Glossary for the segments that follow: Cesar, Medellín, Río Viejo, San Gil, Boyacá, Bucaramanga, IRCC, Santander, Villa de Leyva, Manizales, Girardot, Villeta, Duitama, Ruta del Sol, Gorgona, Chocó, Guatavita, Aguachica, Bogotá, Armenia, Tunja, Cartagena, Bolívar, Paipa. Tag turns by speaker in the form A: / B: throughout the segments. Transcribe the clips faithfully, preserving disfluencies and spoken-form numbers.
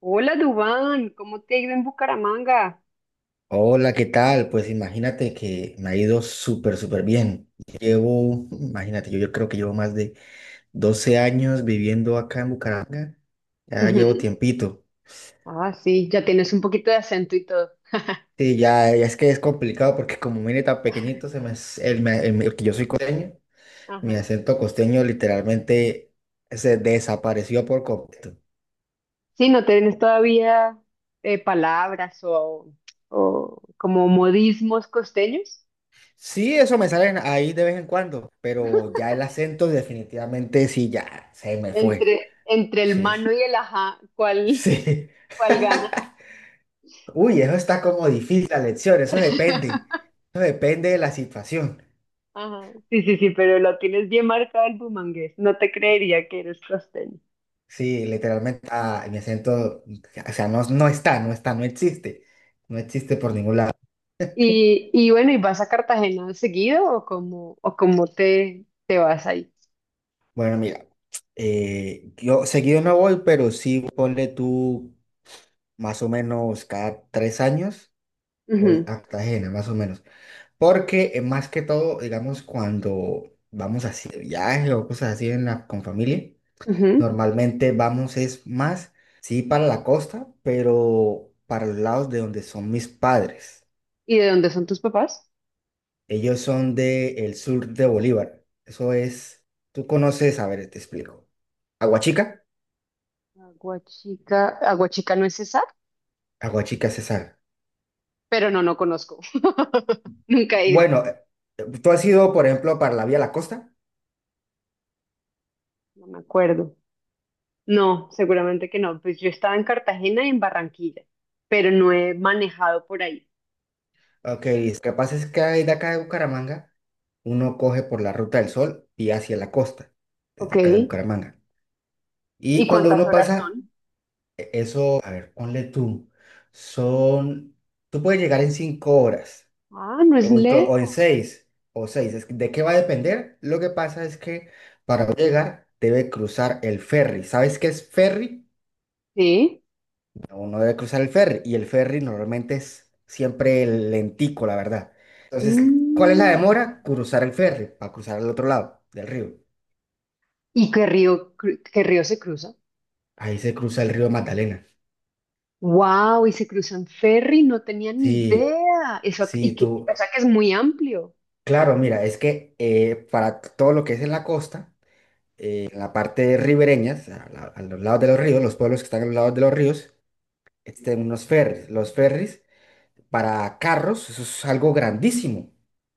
A: Hola, Dubán, ¿cómo te ha ido en Bucaramanga?
B: Hola, ¿qué tal? Pues imagínate que me ha ido súper, súper bien. Llevo, imagínate, yo, yo creo que llevo más de doce años viviendo acá en Bucaramanga. Ya llevo
A: Ujú.
B: tiempito.
A: Ah, sí, ya tienes un poquito de acento y todo.
B: Sí, ya, ya es que es complicado porque como vine tan pequeñito, se me, s- el, me- el me- que yo soy costeño,
A: Ajá.
B: mi acento costeño literalmente se desapareció por completo.
A: Sí, no tienes todavía eh, palabras o, o como modismos costeños.
B: Sí, eso me sale ahí de vez en cuando, pero ya el acento definitivamente sí, ya se me fue.
A: Entre, entre el
B: Sí,
A: mano y el ajá, ¿cuál,
B: sí.
A: cuál gana?
B: Uy, eso está como difícil la lección, eso depende. Eso depende de la situación.
A: Ajá. Sí, sí, sí, pero lo tienes bien marcado el bumangués. No te creería que eres costeño.
B: Sí, literalmente ah, mi acento, o sea, no, no está, no está, no existe. No existe por ningún lado.
A: Y, y bueno, ¿y vas a Cartagena seguido o cómo, o cómo te, te vas ahí?
B: Bueno, mira, eh, yo seguido no voy, pero sí ponle tú más o menos cada tres años voy
A: Ujú.
B: a Cartagena, más o menos. Porque eh, más que todo, digamos, cuando vamos así de viaje o cosas así en la- con familia.
A: Ujú.
B: Normalmente vamos es más, sí, para la costa, pero para los lados de donde son mis padres.
A: ¿Y de dónde son tus papás?
B: Ellos son del sur de Bolívar. Eso es, tú conoces, a ver, te explico. Aguachica,
A: Aguachica, Aguachica no es Cesar,
B: Aguachica, Cesar.
A: pero no, no conozco. Nunca he ido.
B: Bueno, eh, eh, tú has ido, por ejemplo, para la vía La Costa.
A: No me acuerdo. No, seguramente que no. Pues yo estaba en Cartagena y en Barranquilla, pero no he manejado por ahí.
B: Ok, lo que pasa es que de acá de Bucaramanga, uno coge por la Ruta del Sol y hacia la costa,
A: Ok.
B: desde acá de Bucaramanga.
A: ¿Y
B: Y cuando
A: cuántas
B: uno
A: horas
B: pasa
A: son?
B: e-, Eso, a ver, ponle tú. Son, tú puedes llegar en cinco horas,
A: Ah, no es
B: o, inclu- o en
A: lejos.
B: seis, o seis. es que- ¿De qué va a depender? Lo que pasa es que para llegar debe cruzar el ferry. ¿Sabes qué es ferry?
A: Sí.
B: Uno debe cruzar el ferry y el ferry normalmente es siempre lentico, la verdad. Entonces, ¿cuál es la
A: Mm.
B: demora? Cruzar el ferry, para cruzar al otro lado del río.
A: ¿Y qué río, cru- qué río se cruza?
B: Ahí se cruza el río Magdalena.
A: Wow, y se cruzan ferry, no tenía ni
B: Sí,
A: idea. Eso, y
B: sí,
A: que,
B: tú.
A: o sea que es muy amplio.
B: Claro, mira, es que eh, para todo lo que es en la costa, eh, en la parte ribereña, a, la- a los lados de los ríos, los pueblos que están a los lados de los ríos, existen unos ferries. Los ferries para carros, eso es algo grandísimo,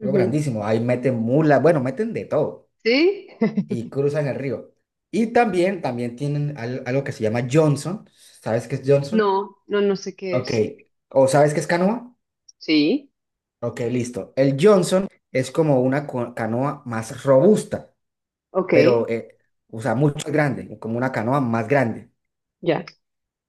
B: algo
A: Ujú.
B: grandísimo. Ahí meten mulas, bueno, meten de todo
A: ¿Sí?
B: y cruzan el río. Y también, también tienen al- algo que se llama Johnson. ¿Sabes qué es Johnson?
A: No, no, no sé qué
B: Ok.
A: es.
B: ¿O sabes qué es canoa?
A: Sí,
B: Ok, listo. El Johnson es como una co- canoa más robusta.
A: ok,
B: Pero, eh, o sea, mucho más grande, como una canoa más grande.
A: ya.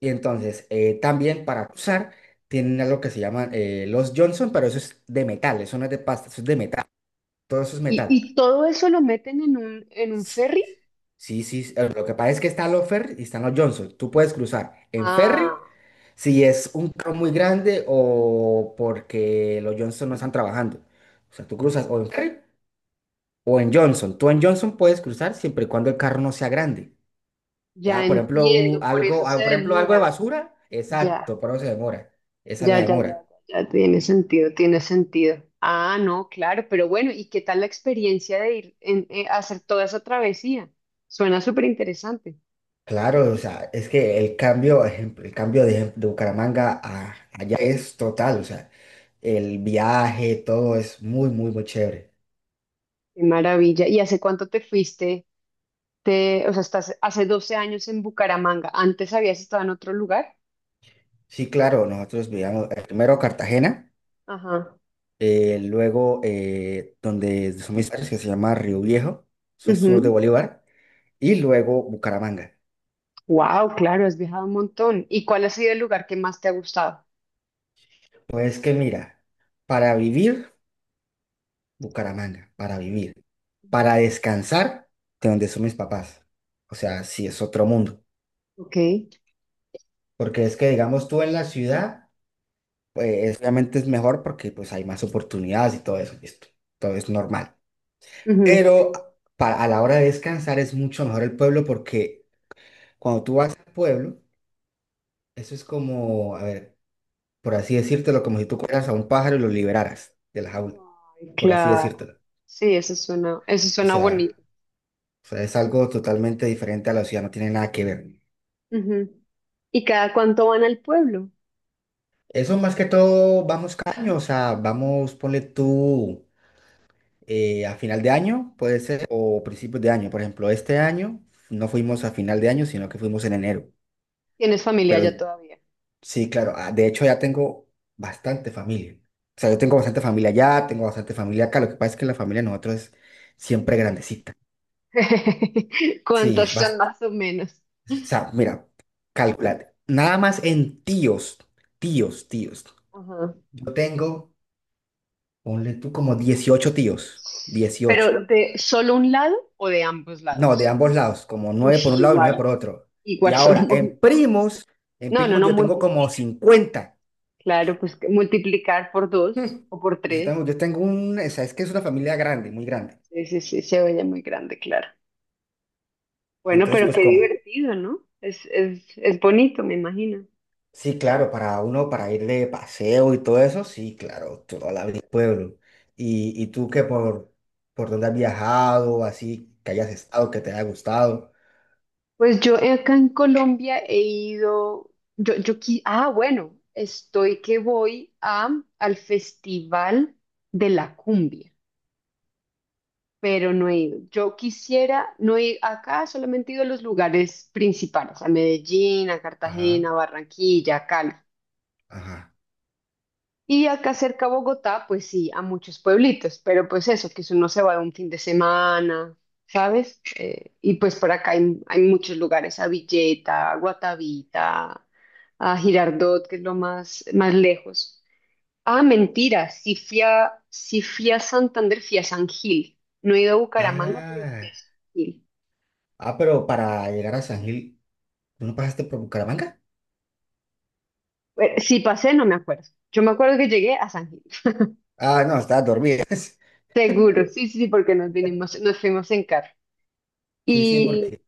B: Y entonces, eh, también para usar, tienen algo que se llaman eh, los Johnson, pero eso es de metal, eso no es de pasta, eso es de metal, todo eso es
A: ¿Y,
B: metal.
A: y todo eso lo meten en un, en un
B: S-
A: ferry?
B: Sí, sí, eh, lo que pasa es que están los ferry y están los Johnson. Tú puedes cruzar en ferry
A: Ah,
B: si es un carro muy grande o porque los Johnson no están trabajando. O sea, tú cruzas o en ferry o en Johnson. Tú en Johnson puedes cruzar siempre y cuando el carro no sea grande.
A: ya
B: Ya, por ejemplo, un-
A: entiendo, por eso
B: algo, ah,
A: se
B: por ejemplo, algo
A: demora.
B: de basura,
A: Ya,
B: exacto, por eso se demora. Esa es
A: ya,
B: la
A: ya, ya, ya,
B: demora.
A: ya, tiene sentido, tiene sentido. Ah, no, claro, pero bueno, ¿y qué tal la experiencia de ir en, eh, hacer toda esa travesía? Suena súper interesante.
B: Claro, o sea, es que el cambio, ejemplo, el cambio de, de Bucaramanga a allá es total, o sea, el viaje, todo es muy, muy, muy chévere.
A: Qué maravilla. ¿Y hace cuánto te fuiste? Te, o sea, estás hace doce años en Bucaramanga. ¿Antes habías estado en otro lugar?
B: Sí, claro, nosotros vivíamos eh, primero Cartagena,
A: Ajá.
B: eh, luego eh, donde son mis padres, que se llama Río Viejo, eso es sur de
A: Ujú.
B: Bolívar, y luego Bucaramanga.
A: Wow, claro, has viajado un montón. ¿Y cuál ha sido el lugar que más te ha gustado?
B: Pues que mira, para vivir, Bucaramanga, para vivir.
A: Ujú.
B: Para descansar, de donde son mis papás. O sea, sí, es otro mundo.
A: Ok.
B: Porque es que, digamos, tú en la ciudad, pues obviamente es mejor porque pues hay más oportunidades y todo eso, listo. Todo es normal.
A: Ujú.
B: Pero para, a la hora de descansar es mucho mejor el pueblo porque cuando tú vas al pueblo, eso es como, a ver, por así decírtelo, como si tú cogieras a un pájaro y lo liberaras de la jaula,
A: Ay,
B: por así
A: claro.
B: decírtelo.
A: Sí, eso suena, eso
B: O
A: suena
B: sea,
A: bonito.
B: o sea, es algo totalmente diferente a la ciudad, no tiene nada que ver.
A: Ujú. ¿Y cada cuánto van al pueblo?
B: Eso más que todo vamos cada año, o sea, vamos, ponle tú eh, a final de año, puede ser, o principios de año. Por ejemplo, este año no fuimos a final de año, sino que fuimos en enero.
A: ¿Tienes familia
B: Pero
A: ya todavía?
B: sí, claro, ah, de hecho ya tengo bastante familia. O sea, yo tengo
A: Ah,
B: bastante familia allá, tengo bastante familia acá. Lo que pasa es que la familia de nosotros es siempre grandecita. Sí,
A: ¿Cuántas
B: es
A: son
B: bastante.
A: más o menos?
B: O sea, mira, calculate. Nada más en tíos, tíos, tíos.
A: Ajá.
B: Yo tengo. Ponle tú como dieciocho tíos. Dieciocho.
A: ¿Pero de solo un lado o de ambos
B: No, de
A: lados?
B: ambos lados, como
A: Uy,
B: nueve por un lado y nueve
A: igual,
B: por otro. Y
A: igual son.
B: ahora,
A: un mon-
B: en primos, en
A: No, no,
B: primos
A: no,
B: yo tengo como
A: multiplica.
B: cincuenta.
A: Claro, pues que multiplicar por dos o por
B: Yo tengo,
A: tres.
B: yo tengo un, o sea, es que es una familia grande, muy grande.
A: Sí, sí, sí, se oye muy grande, claro. Bueno,
B: Entonces,
A: pero
B: pues,
A: qué
B: ¿cómo?
A: divertido, ¿no? Es, es, es bonito, me imagino.
B: Sí, claro, para uno, para ir de paseo y todo eso, sí, claro, toda la vida pueblo. Y, y tú que por, por dónde has viajado, así, que hayas estado, que te haya gustado.
A: Pues yo acá en Colombia he ido, yo, yo, qui- ah, bueno, estoy que voy a, al Festival de la Cumbia, pero no he ido. Yo quisiera, no he, acá solamente he ido a los lugares principales, a Medellín, a
B: Ajá,
A: Cartagena, Barranquilla, Cali.
B: ajá.
A: Y acá cerca a Bogotá, pues sí, a muchos pueblitos, pero pues eso, que si uno se va de un fin de semana, ¿sabes? Eh, y pues por acá hay, hay muchos lugares, a Villeta, a Guatavita, a Girardot, que es lo más, más lejos. Ah, mentira, sí fui a, sí fui a Santander, fui a San Gil. No he ido a Bucaramanga, pero fui
B: Ah,
A: a San Gil.
B: ah, pero para llegar a San Gil, ¿tú no pasaste por Bucaramanga?
A: Bueno, si pasé, no me acuerdo. Yo me acuerdo que llegué a San Gil.
B: Ah, no, estabas dormida.
A: Seguro, sí, sí, sí, porque nos vinimos, nos fuimos en carro.
B: Sí, sí,
A: y
B: porque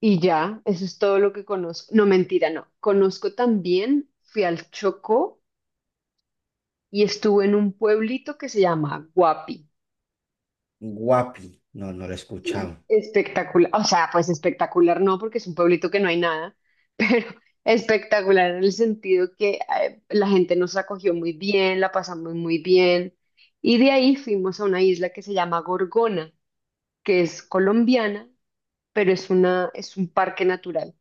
A: Y ya, eso es todo lo que conozco. No, mentira, no. Conozco también, fui al Chocó y estuve en un pueblito que se llama Guapi.
B: Guapi, no, no lo he escuchado.
A: Espectacular, o sea, pues espectacular no, porque es un pueblito que no hay nada, pero espectacular en el sentido que eh, la gente nos acogió muy bien, la pasamos muy bien. Y de ahí fuimos a una isla que se llama Gorgona, que es colombiana, pero es una, es un parque natural.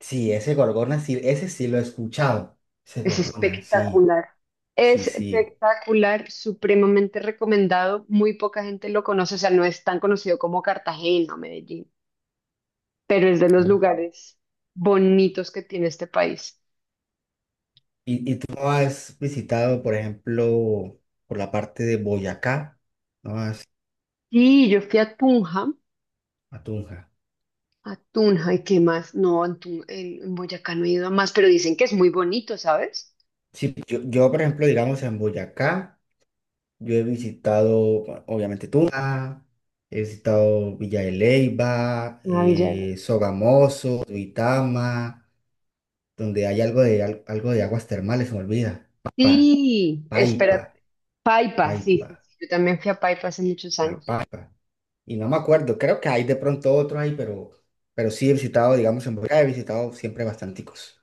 B: Sí, ese Gorgona, sí, ese sí lo he escuchado. Ese
A: Es
B: Gorgona, sí,
A: espectacular. Es
B: sí, sí.
A: espectacular, supremamente recomendado. Muy poca gente lo conoce, o sea, no es tan conocido como Cartagena o Medellín, pero es de los
B: Ah.
A: lugares bonitos que tiene este país.
B: ¿Y, y tú no has visitado, por ejemplo, por la parte de Boyacá? No has
A: Y yo fui a Tunja,
B: a Tunja.
A: a Tunja, ¿y qué más? No, en, Tun- en- en Boyacá no he ido a más, pero dicen que es muy bonito, ¿sabes?
B: Sí, yo, yo, por ejemplo, digamos, en Boyacá, yo he visitado, bueno, obviamente, Tunja. He visitado Villa de Leyva,
A: Ah, Villa de Leyva.
B: eh, Sogamoso, Duitama, donde hay algo de, al- algo de aguas termales, se me olvida. Paipa,
A: Sí,
B: Paipa,
A: espérate. Paipa, sí,
B: Paipa,
A: sí, sí. Yo también fui a Paipa hace muchos
B: ah,
A: años.
B: Paipa. Y no me acuerdo, creo que hay de pronto otro ahí, pero, pero sí he visitado, digamos, en Bogotá he visitado siempre bastanticos.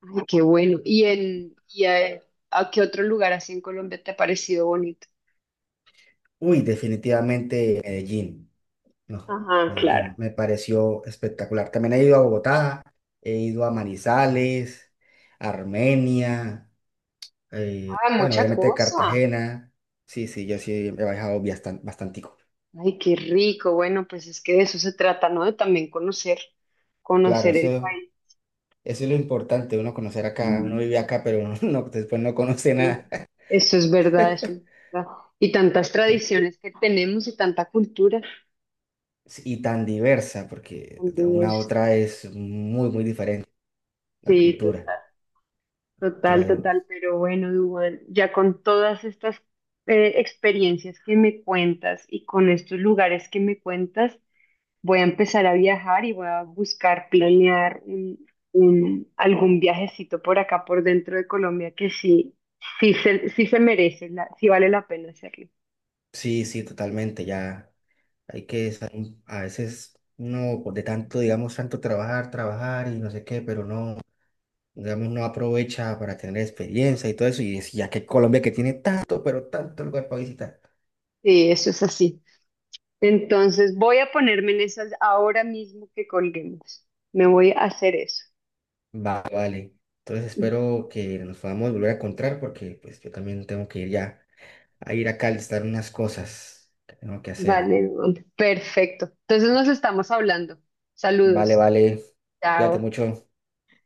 A: Ay, qué bueno. ¿Y, en, y a, ¿a qué otro lugar así en Colombia te ha parecido bonito?
B: Uy, definitivamente Medellín, no,
A: Ajá, claro.
B: Medellín me pareció espectacular. También he ido a Bogotá, he ido a Manizales, Armenia. Eh,
A: Ah,
B: bueno,
A: mucha
B: obviamente
A: cosa.
B: Cartagena. Sí, sí, yo sí he viajado bastan- bastantico.
A: Ay, qué rico. Bueno, pues es que de eso se trata, ¿no? De también conocer,
B: Claro,
A: conocer el
B: eso,
A: país.
B: eso es lo importante, uno conocer acá. Uno Mm, vive acá, pero uno no- después no conoce
A: Eh,
B: nada.
A: Eso es verdad, eso es verdad. Y tantas
B: Te-
A: tradiciones que tenemos y tanta cultura
B: Y tan diversa, porque
A: tan
B: de una a
A: diversa.
B: otra es muy, muy diferente la
A: Sí,
B: cultura.
A: total,
B: cultura
A: total,
B: de-
A: total. Pero bueno, Dubán, ya con todas estas eh, experiencias que me cuentas y con estos lugares que me cuentas, voy a empezar a viajar y voy a buscar planear un, un- algún viajecito por acá, por dentro de Colombia, que sí, sí se, sí se merece, la- sí vale la pena hacerlo.
B: Sí, sí, totalmente. Ya hay que, sa- a veces, no, de tanto, digamos, tanto trabajar, trabajar y no sé qué, pero no. Digamos, no aprovecha para tener experiencia y todo eso, y es- ya que Colombia que tiene tanto, pero tanto lugar para visitar.
A: Sí, eso es así. Entonces voy a ponerme en esas ahora mismo que colguemos. Me voy a hacer eso.
B: Vale, vale. Entonces espero que nos podamos volver a encontrar porque pues yo también tengo que ir ya a ir acá a listar unas cosas que tengo que hacer.
A: Vale, vale. Perfecto. Entonces nos estamos hablando.
B: Vale,
A: Saludos.
B: vale. Cuídate
A: Chao.
B: mucho.